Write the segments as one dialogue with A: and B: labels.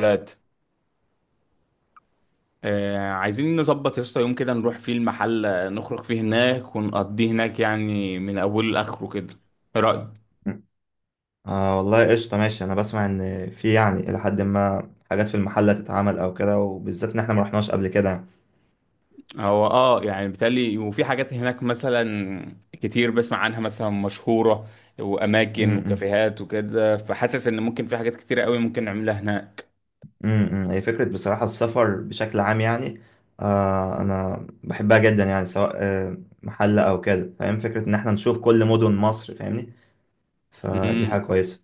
A: ثلاثة. عايزين نظبط يا اسطى يوم كده نروح فيه المحل، نخرج فيه هناك ونقضيه هناك يعني من أوله لآخره كده. إيه رأيك؟
B: آه، والله قشطة ماشي. أنا بسمع إن في إلى حد ما حاجات في المحلة تتعمل أو كده، وبالذات إن إحنا مرحناش قبل كده.
A: هو يعني بالتالي وفي حاجات هناك مثلا كتير بسمع عنها مثلا مشهورة وأماكن
B: امم
A: وكافيهات وكده، فحاسس إن ممكن في حاجات كتيرة قوي ممكن نعملها هناك.
B: امم هي فكرة بصراحة. السفر بشكل عام آه، أنا بحبها جدا، يعني سواء آه محلة أو كده، فاهم؟ فكرة إن إحنا نشوف كل مدن مصر، فاهمني؟ فدي حاجة
A: مم.
B: كويسة.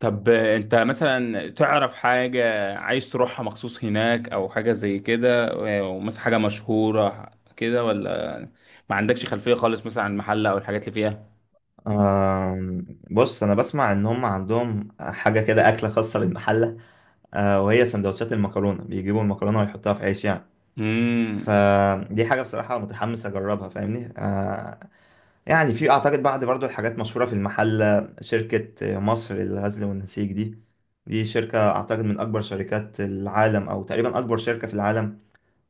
A: طب انت مثلا تعرف حاجة عايز تروحها مخصوص هناك او حاجة زي كده، ومثلا حاجة مشهورة كده ولا ما عندكش خلفية خالص مثلا عن المحل او الحاجات اللي فيها؟
B: آه، بص، أنا بسمع إن هم عندهم حاجة كده، أكلة خاصة بالمحلة، آه، وهي سندوتشات المكرونة، بيجيبوا المكرونة ويحطوها في عيش يعني.
A: امم
B: فدي حاجة بصراحة متحمس أجربها، فاهمني؟ آه، يعني في أعتقد بعض برضو الحاجات مشهورة في المحل. شركة مصر للغزل والنسيج دي، دي شركة أعتقد من أكبر شركات العالم، أو تقريبا أكبر شركة في العالم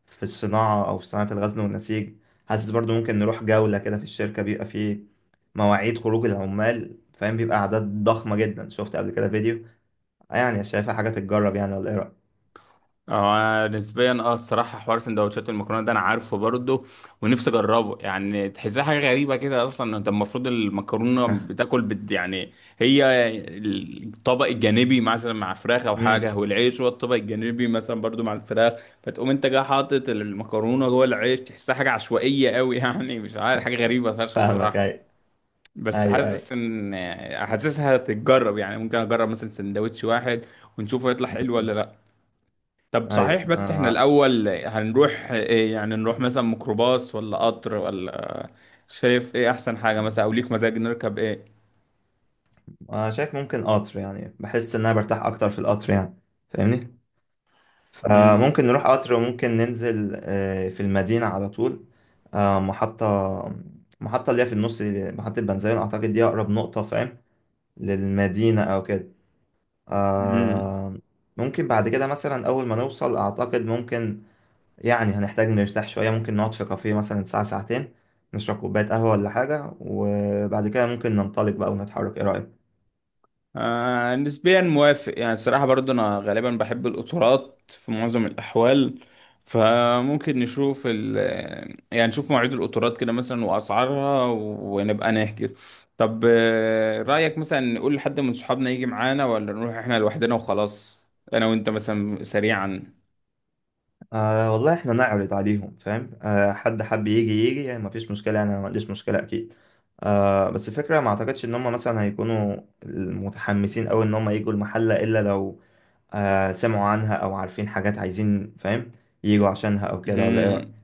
B: في الصناعة، أو في صناعة الغزل والنسيج. حاسس برضو ممكن نروح جولة كده في الشركة. بيبقى فيه مواعيد خروج العمال، فاهم؟ بيبقى أعداد ضخمة جدا، شفت قبل كده فيديو. آه، يعني شايفها حاجة تتجرب يعني، ولا إيه رأيك؟
A: اه أنا نسبيا الصراحه حوار سندوتشات المكرونه ده انا عارفه برضه، ونفسي اجربه. يعني تحسها حاجه غريبه كده، اصلا انت المفروض المكرونه بتاكل، بت- يعني هي الطبق الجانبي مثلا مع فراخ او
B: مم،
A: حاجه، والعيش هو الطبق الجانبي مثلا برضه مع الفراخ. فتقوم انت جاي حاطط المكرونه جوه العيش، تحسها حاجه عشوائيه قوي يعني مش عارف، حاجه غريبه فشخ
B: فاهمك.
A: الصراحه.
B: أيوه،
A: بس
B: أيوه،
A: حاسس
B: أيوه.
A: ان حاسسها تتجرب، يعني ممكن اجرب مثلا سندوتش واحد ونشوفه يطلع حلو ولا
B: مم.
A: لا. طب
B: ايوه.
A: صحيح، بس احنا
B: انا
A: الأول هنروح إيه؟ يعني نروح مثلا ميكروباص ولا قطر، ولا شايف ايه أحسن حاجة مثلا، أو ليك مزاج نركب ايه؟
B: انا شايف ممكن قطر يعني، بحس ان انا برتاح اكتر في القطر يعني، فاهمني؟
A: مم.
B: فممكن نروح قطر، وممكن ننزل آه، في المدينة على طول. آه، محطة اللي هي في النص دي، محطة بنزين اعتقد، دي اقرب نقطة، فاهم؟ للمدينة او كده.
A: مم.
B: آه، ممكن بعد كده مثلا اول ما نوصل اعتقد ممكن يعني هنحتاج نرتاح شوية. ممكن نقعد في كافيه مثلا ساعة ساعتين، نشرب كوباية قهوة ولا حاجة، وبعد كده ممكن ننطلق بقى ونتحرك. ايه رأيك؟
A: آه نسبيا موافق، يعني الصراحة برضو أنا غالبا بحب القطارات في معظم الأحوال، فممكن نشوف يعني نشوف مواعيد القطارات كده مثلا وأسعارها ونبقى نحجز. طب آه، رأيك مثلا نقول لحد من صحابنا يجي معانا، ولا نروح احنا لوحدنا وخلاص، أنا وأنت مثلا سريعا؟
B: آه والله، احنا نعرض عليهم فاهم؟ آه، حد حب يجي يجي، يعني مفيش مشكلة، انا ما عنديش مشكلة اكيد. آه، بس الفكرة ما اعتقدش ان هم مثلا هيكونوا متحمسين اوي ان هم يجوا المحلة، الا لو آه سمعوا عنها او عارفين حاجات عايزين، فاهم؟ يجوا عشانها او كده، ولا ايه رأيك؟
A: مم.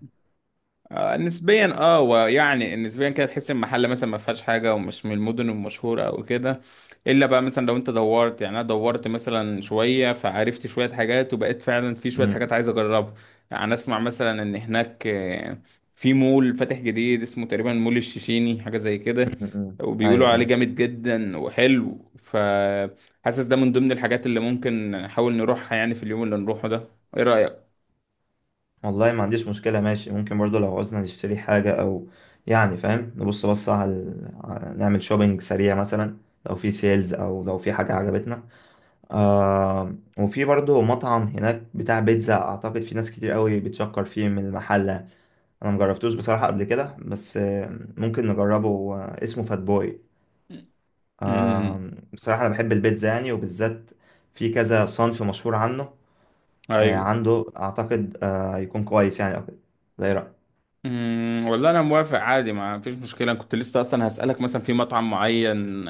A: آه نسبيا، ويعني نسبيا كده تحس ان المحل مثلا ما فيهاش حاجه ومش من المدن المشهوره او كده، الا بقى مثلا لو انت دورت. يعني انا دورت مثلا شويه فعرفت شويه حاجات، وبقيت فعلا في شويه
B: مم،
A: حاجات عايز اجربها. يعني اسمع مثلا ان هناك آه، في مول فاتح جديد اسمه تقريبا مول الشيشيني، حاجه زي كده،
B: مم، مم.
A: وبيقولوا
B: ايوه،
A: عليه
B: ايوه.
A: جامد جدا وحلو، فحاسس ده من ضمن الحاجات اللي ممكن نحاول نروحها يعني في اليوم اللي نروحه ده. ايه رايك؟
B: والله ما عنديش مشكلة، ماشي. ممكن برضو لو عاوزنا نشتري حاجة او يعني فاهم، نبص على نعمل شوبينج سريع مثلا لو في سيلز او لو في حاجة عجبتنا. آه، وفي برضه مطعم هناك بتاع بيتزا اعتقد، في ناس كتير قوي بتشكر فيه من المحل. انا مجربتوش بصراحة قبل كده، بس آه ممكن نجربه. آه، اسمه فات بوي. آه،
A: مم.
B: بصراحة انا بحب البيتزا يعني، وبالذات في كذا صنف مشهور عنه. آه،
A: ايوه.
B: عنده اعتقد آه يكون كويس يعني او كده. ده ايه رأيك؟
A: والله انا موافق عادي، ما فيش مشكله. أنا كنت لسه اصلا هسالك مثلا في مطعم معين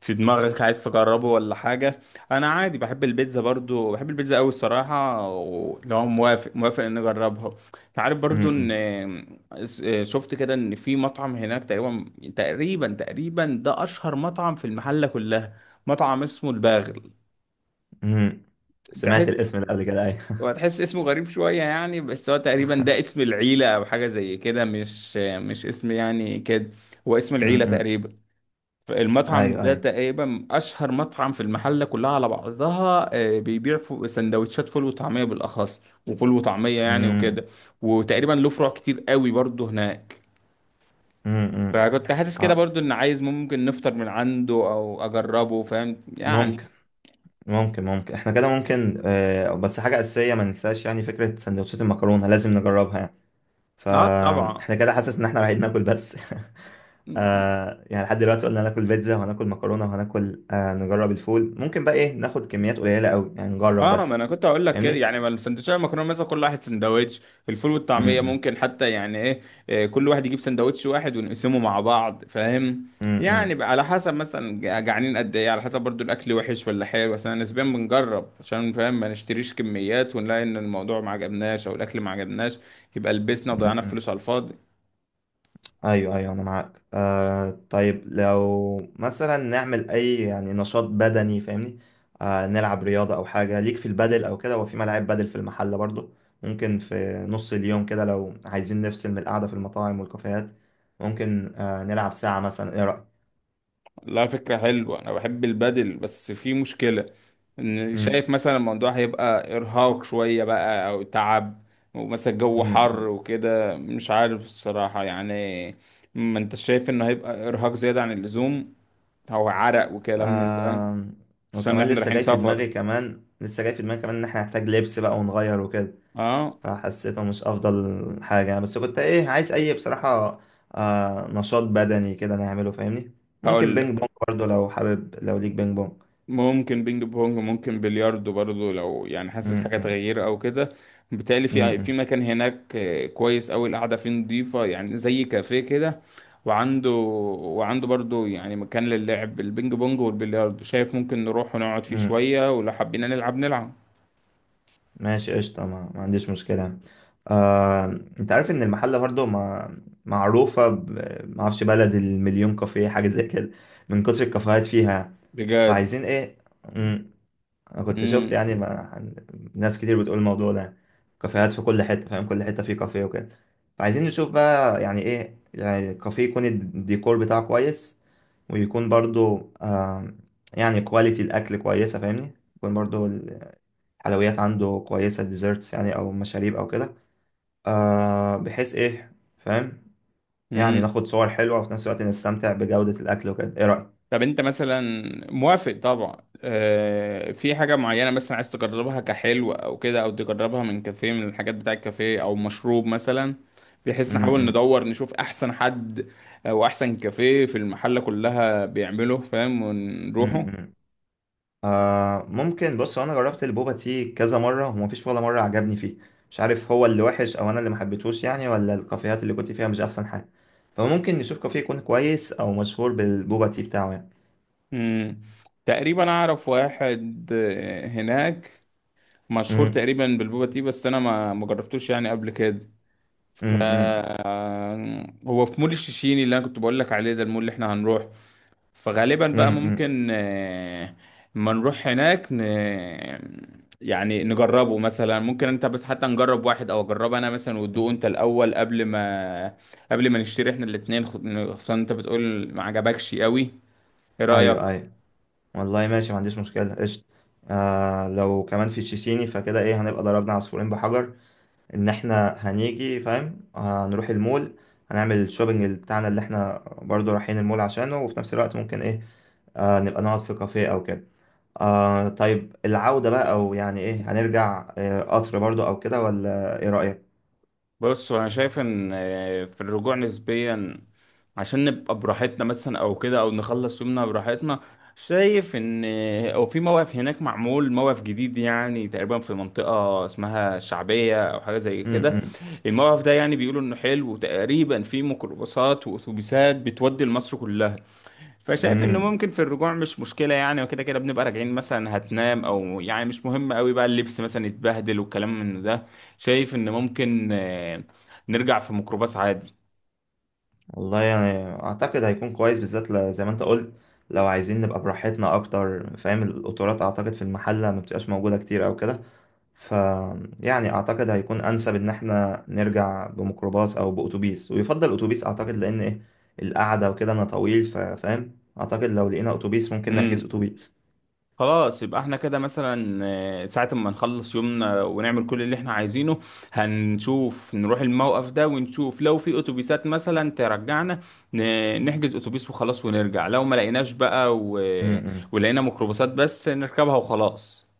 A: في دماغك عايز تجربه ولا حاجه. انا عادي بحب البيتزا، برضو بحب البيتزا قوي الصراحه، ولو موافق موافق ان نجربها. أنت عارف
B: م-
A: برضو
B: م-
A: ان إيه، شفت كده ان في مطعم هناك تقريبا ده اشهر مطعم في المحله كلها. مطعم اسمه الباغل.
B: م. سمعت
A: تحس،
B: الاسم ده قبل كده، ايوه.
A: هو هتحس اسمه غريب شوية يعني، بس هو تقريبا ده اسم العيلة أو حاجة زي كده، مش اسم يعني كده، هو اسم
B: م-
A: العيلة
B: م.
A: تقريبا. فالمطعم
B: ايوه،
A: ده
B: ايوه.
A: تقريبا أشهر مطعم في المحلة كلها على بعضها آه، بيبيع سندوتشات فول وطعمية بالأخص، وفول وطعمية يعني
B: م-
A: وكده، وتقريبا له فروع كتير قوي برضه هناك.
B: م- م.
A: فكنت حاسس كده
B: آه،
A: برضه إن عايز ممكن نفطر من عنده أو أجربه فاهم يعني.
B: ممكن ممكن احنا كده ممكن آه، بس حاجة أساسية ما ننساش، يعني فكرة سندوتشات المكرونة لازم نجربها يعني.
A: اه طبعا.
B: فاحنا كده حاسس إن احنا رايحين ناكل بس. آه، يعني لحد دلوقتي قلنا هناكل بيتزا، وهناكل مكرونة، وهناكل آه، نجرب الفول. ممكن بقى إيه، ناخد كميات قليلة أوي يعني، نجرب
A: اه ما
B: بس،
A: انا كنت هقول لك كده،
B: فاهمني؟
A: يعني ما السندوتشات المكرونه مثلا كل واحد سندوتش، الفول
B: م-
A: والطعميه
B: م-
A: ممكن حتى يعني ايه، إيه، كل واحد يجيب سندوتش واحد ونقسمه مع بعض فاهم. يعني
B: م-
A: بقى على حسب مثلا جعانين قد ايه، على حسب برضو الاكل وحش ولا حلو. بس انا نسبيا بنجرب عشان فاهم ما نشتريش كميات ونلاقي ان الموضوع ما عجبناش او الاكل ما عجبناش، يبقى لبسنا
B: م-
A: وضيعنا
B: م-
A: فلوس على الفاضي.
B: ايوه، ايوه، انا معاك. آه طيب، لو مثلا نعمل اي يعني نشاط بدني، فاهمني؟ آه، نلعب رياضة او حاجة، ليك في البادل او كده؟ هو في ملاعب بادل في المحل برضو. ممكن في نص اليوم كده، لو عايزين نفصل من القعدة في المطاعم والكافيهات، ممكن آه نلعب ساعة مثلا. ايه رأيك؟
A: لا، فكرة حلوة، أنا بحب البادل، بس في مشكلة إن
B: مم،
A: شايف مثلا الموضوع هيبقى إرهاق شوية بقى أو تعب، ومثلا الجو
B: مم،
A: حر
B: مم.
A: وكده، مش عارف الصراحة يعني. ما أنت شايف إنه هيبقى إرهاق زيادة عن اللزوم، هو عرق وكلام من ده،
B: آه،
A: خصوصا إن
B: وكمان
A: إحنا
B: لسه
A: رايحين
B: جاي في
A: سفر.
B: دماغي كمان لسه جاي في دماغي كمان ان احنا نحتاج لبس بقى ونغير وكده.
A: أه
B: فحسيته مش افضل حاجة يعني، بس كنت ايه عايز اي بصراحة آه نشاط بدني كده نعمله، فاهمني؟ ممكن
A: هقول
B: بينج بونج برضو لو حابب، لو ليك بينج بونج.
A: ممكن بينج بونج، ممكن بلياردو برضو، لو يعني
B: م-
A: حاسس حاجة
B: م-
A: تغيير أو كده. بالتالي
B: م-
A: في
B: م-
A: مكان هناك آه، كويس أوي القعدة فيه، نضيفة يعني زي كافيه كده، وعنده وعنده برضو يعني مكان للعب البينج بونج والبلياردو. شايف ممكن نروح ونقعد فيه
B: م.
A: شوية، ولو حبينا نلعب نلعب.
B: ماشي قشطة، ما عنديش مشكلة. آه، انت عارف ان المحلة برضو ما معروفة ما اعرفش، بلد المليون كافيه، حاجة زي كده، من كتر الكافيهات فيها.
A: بجد.
B: فعايزين ايه؟ انا كنت شفت
A: مم.
B: يعني ما... ناس كتير بتقول الموضوع ده، كافيهات في كل حته، فاهم؟ كل حته فيه كافيه وكده. فعايزين نشوف بقى يعني ايه، يعني كافيه يكون الديكور بتاعه كويس، ويكون برضو آم، يعني كواليتي الاكل كويسه، فاهمني؟ يكون برضو الحلويات عنده كويسه، ديزرتس يعني او مشاريب او كده. آه، بحيث ايه، فاهم؟ يعني
A: مم.
B: ناخد صور حلوه، وفي نفس الوقت نستمتع بجوده الاكل وكده. ايه رايك؟
A: طب انت مثلا، موافق طبعا، آه في حاجة معينة مثلا عايز تجربها كحلو او كده، او تجربها من كافيه من الحاجات بتاع الكافيه او مشروب مثلا،
B: م-
A: بحيث نحاول
B: م-
A: ندور نشوف احسن حد او احسن كافيه في المحلة كلها بيعمله فاهم
B: م-
A: ونروحه.
B: م. آه ممكن، بص، هو انا جربت البوبا تي كذا مره، ومفيش ولا مره عجبني فيه. مش عارف هو اللي وحش او انا اللي محبتهوش يعني، ولا الكافيهات اللي كنت فيها مش احسن حاجه. فممكن نشوف كافيه يكون كويس او مشهور بالبوبا تي بتاعه يعني.
A: مم. تقريبا اعرف واحد آه، هناك مشهور
B: امم
A: تقريبا بالبوبا تي، بس انا ما جربتوش يعني قبل كده. ف
B: امم
A: هو في مول الشيشيني اللي انا كنت بقول لك عليه، ده المول اللي احنا هنروح. فغالبا بقى
B: امم.
A: ممكن آه، ما نروح هناك ن... يعني نجربه مثلا. ممكن انت بس حتى نجرب واحد، او اجرب انا مثلا وتدوق انت الاول قبل ما نشتري احنا الاتنين، خصوصا انت بتقول ما عجبكش قوي. ايه رأيك؟
B: ايوه، ايوه. والله ماشي ما عنديش مشكله قشطه. آه، لو كمان في تشيشيني، فكده ايه، هنبقى ضربنا عصفورين بحجر، ان احنا هنيجي، فاهم؟ هنروح المول، هنعمل الشوبينج بتاعنا، اللي احنا برضو رايحين المول عشانه، وفي نفس الوقت ممكن ايه آه نبقى نقعد في كافيه او كده. آه طيب، العودة بقى، او يعني ايه، هنرجع آه قطر برضو او كده، ولا ايه رأيك؟
A: بص انا شايف ان آه، في الرجوع نسبيا، عشان نبقى براحتنا مثلا او كده، او نخلص يومنا براحتنا، شايف ان آه، او في موقف هناك معمول موقف جديد يعني تقريبا في منطقة اسمها الشعبية او حاجة زي
B: امم
A: كده.
B: امم
A: الموقف ده يعني بيقولوا انه حلو، وتقريبا في ميكروباصات واتوبيسات بتودي لمصر كلها. فشايف انه
B: إمم.
A: ممكن في الرجوع مش مشكله يعني، وكده كده بنبقى راجعين مثلا هتنام، او يعني مش مهم قوي بقى اللبس مثلا يتبهدل والكلام من ده. شايف ان ممكن آه، نرجع في ميكروباص عادي.
B: والله يعني اعتقد هيكون كويس، بالذات زي ما انت قلت لو عايزين نبقى براحتنا اكتر، فاهم؟ القطارات اعتقد في المحلة ما بتبقاش موجودة كتير او كده. ف يعني اعتقد هيكون انسب ان احنا نرجع بميكروباص او باتوبيس، ويفضل اتوبيس اعتقد، لان ايه القعدة وكده انا طويل، فاهم؟ اعتقد لو لقينا اتوبيس ممكن نحجز
A: امم
B: اتوبيس.
A: خلاص يبقى احنا كده مثلا آه، ساعة ما نخلص يومنا ونعمل كل اللي احنا عايزينه، هنشوف نروح الموقف ده ونشوف لو في اتوبيسات مثلا ترجعنا، نحجز اتوبيس وخلاص ونرجع. لو ما لقيناش بقى و...
B: إمم.
A: ولقينا ميكروباصات بس نركبها وخلاص.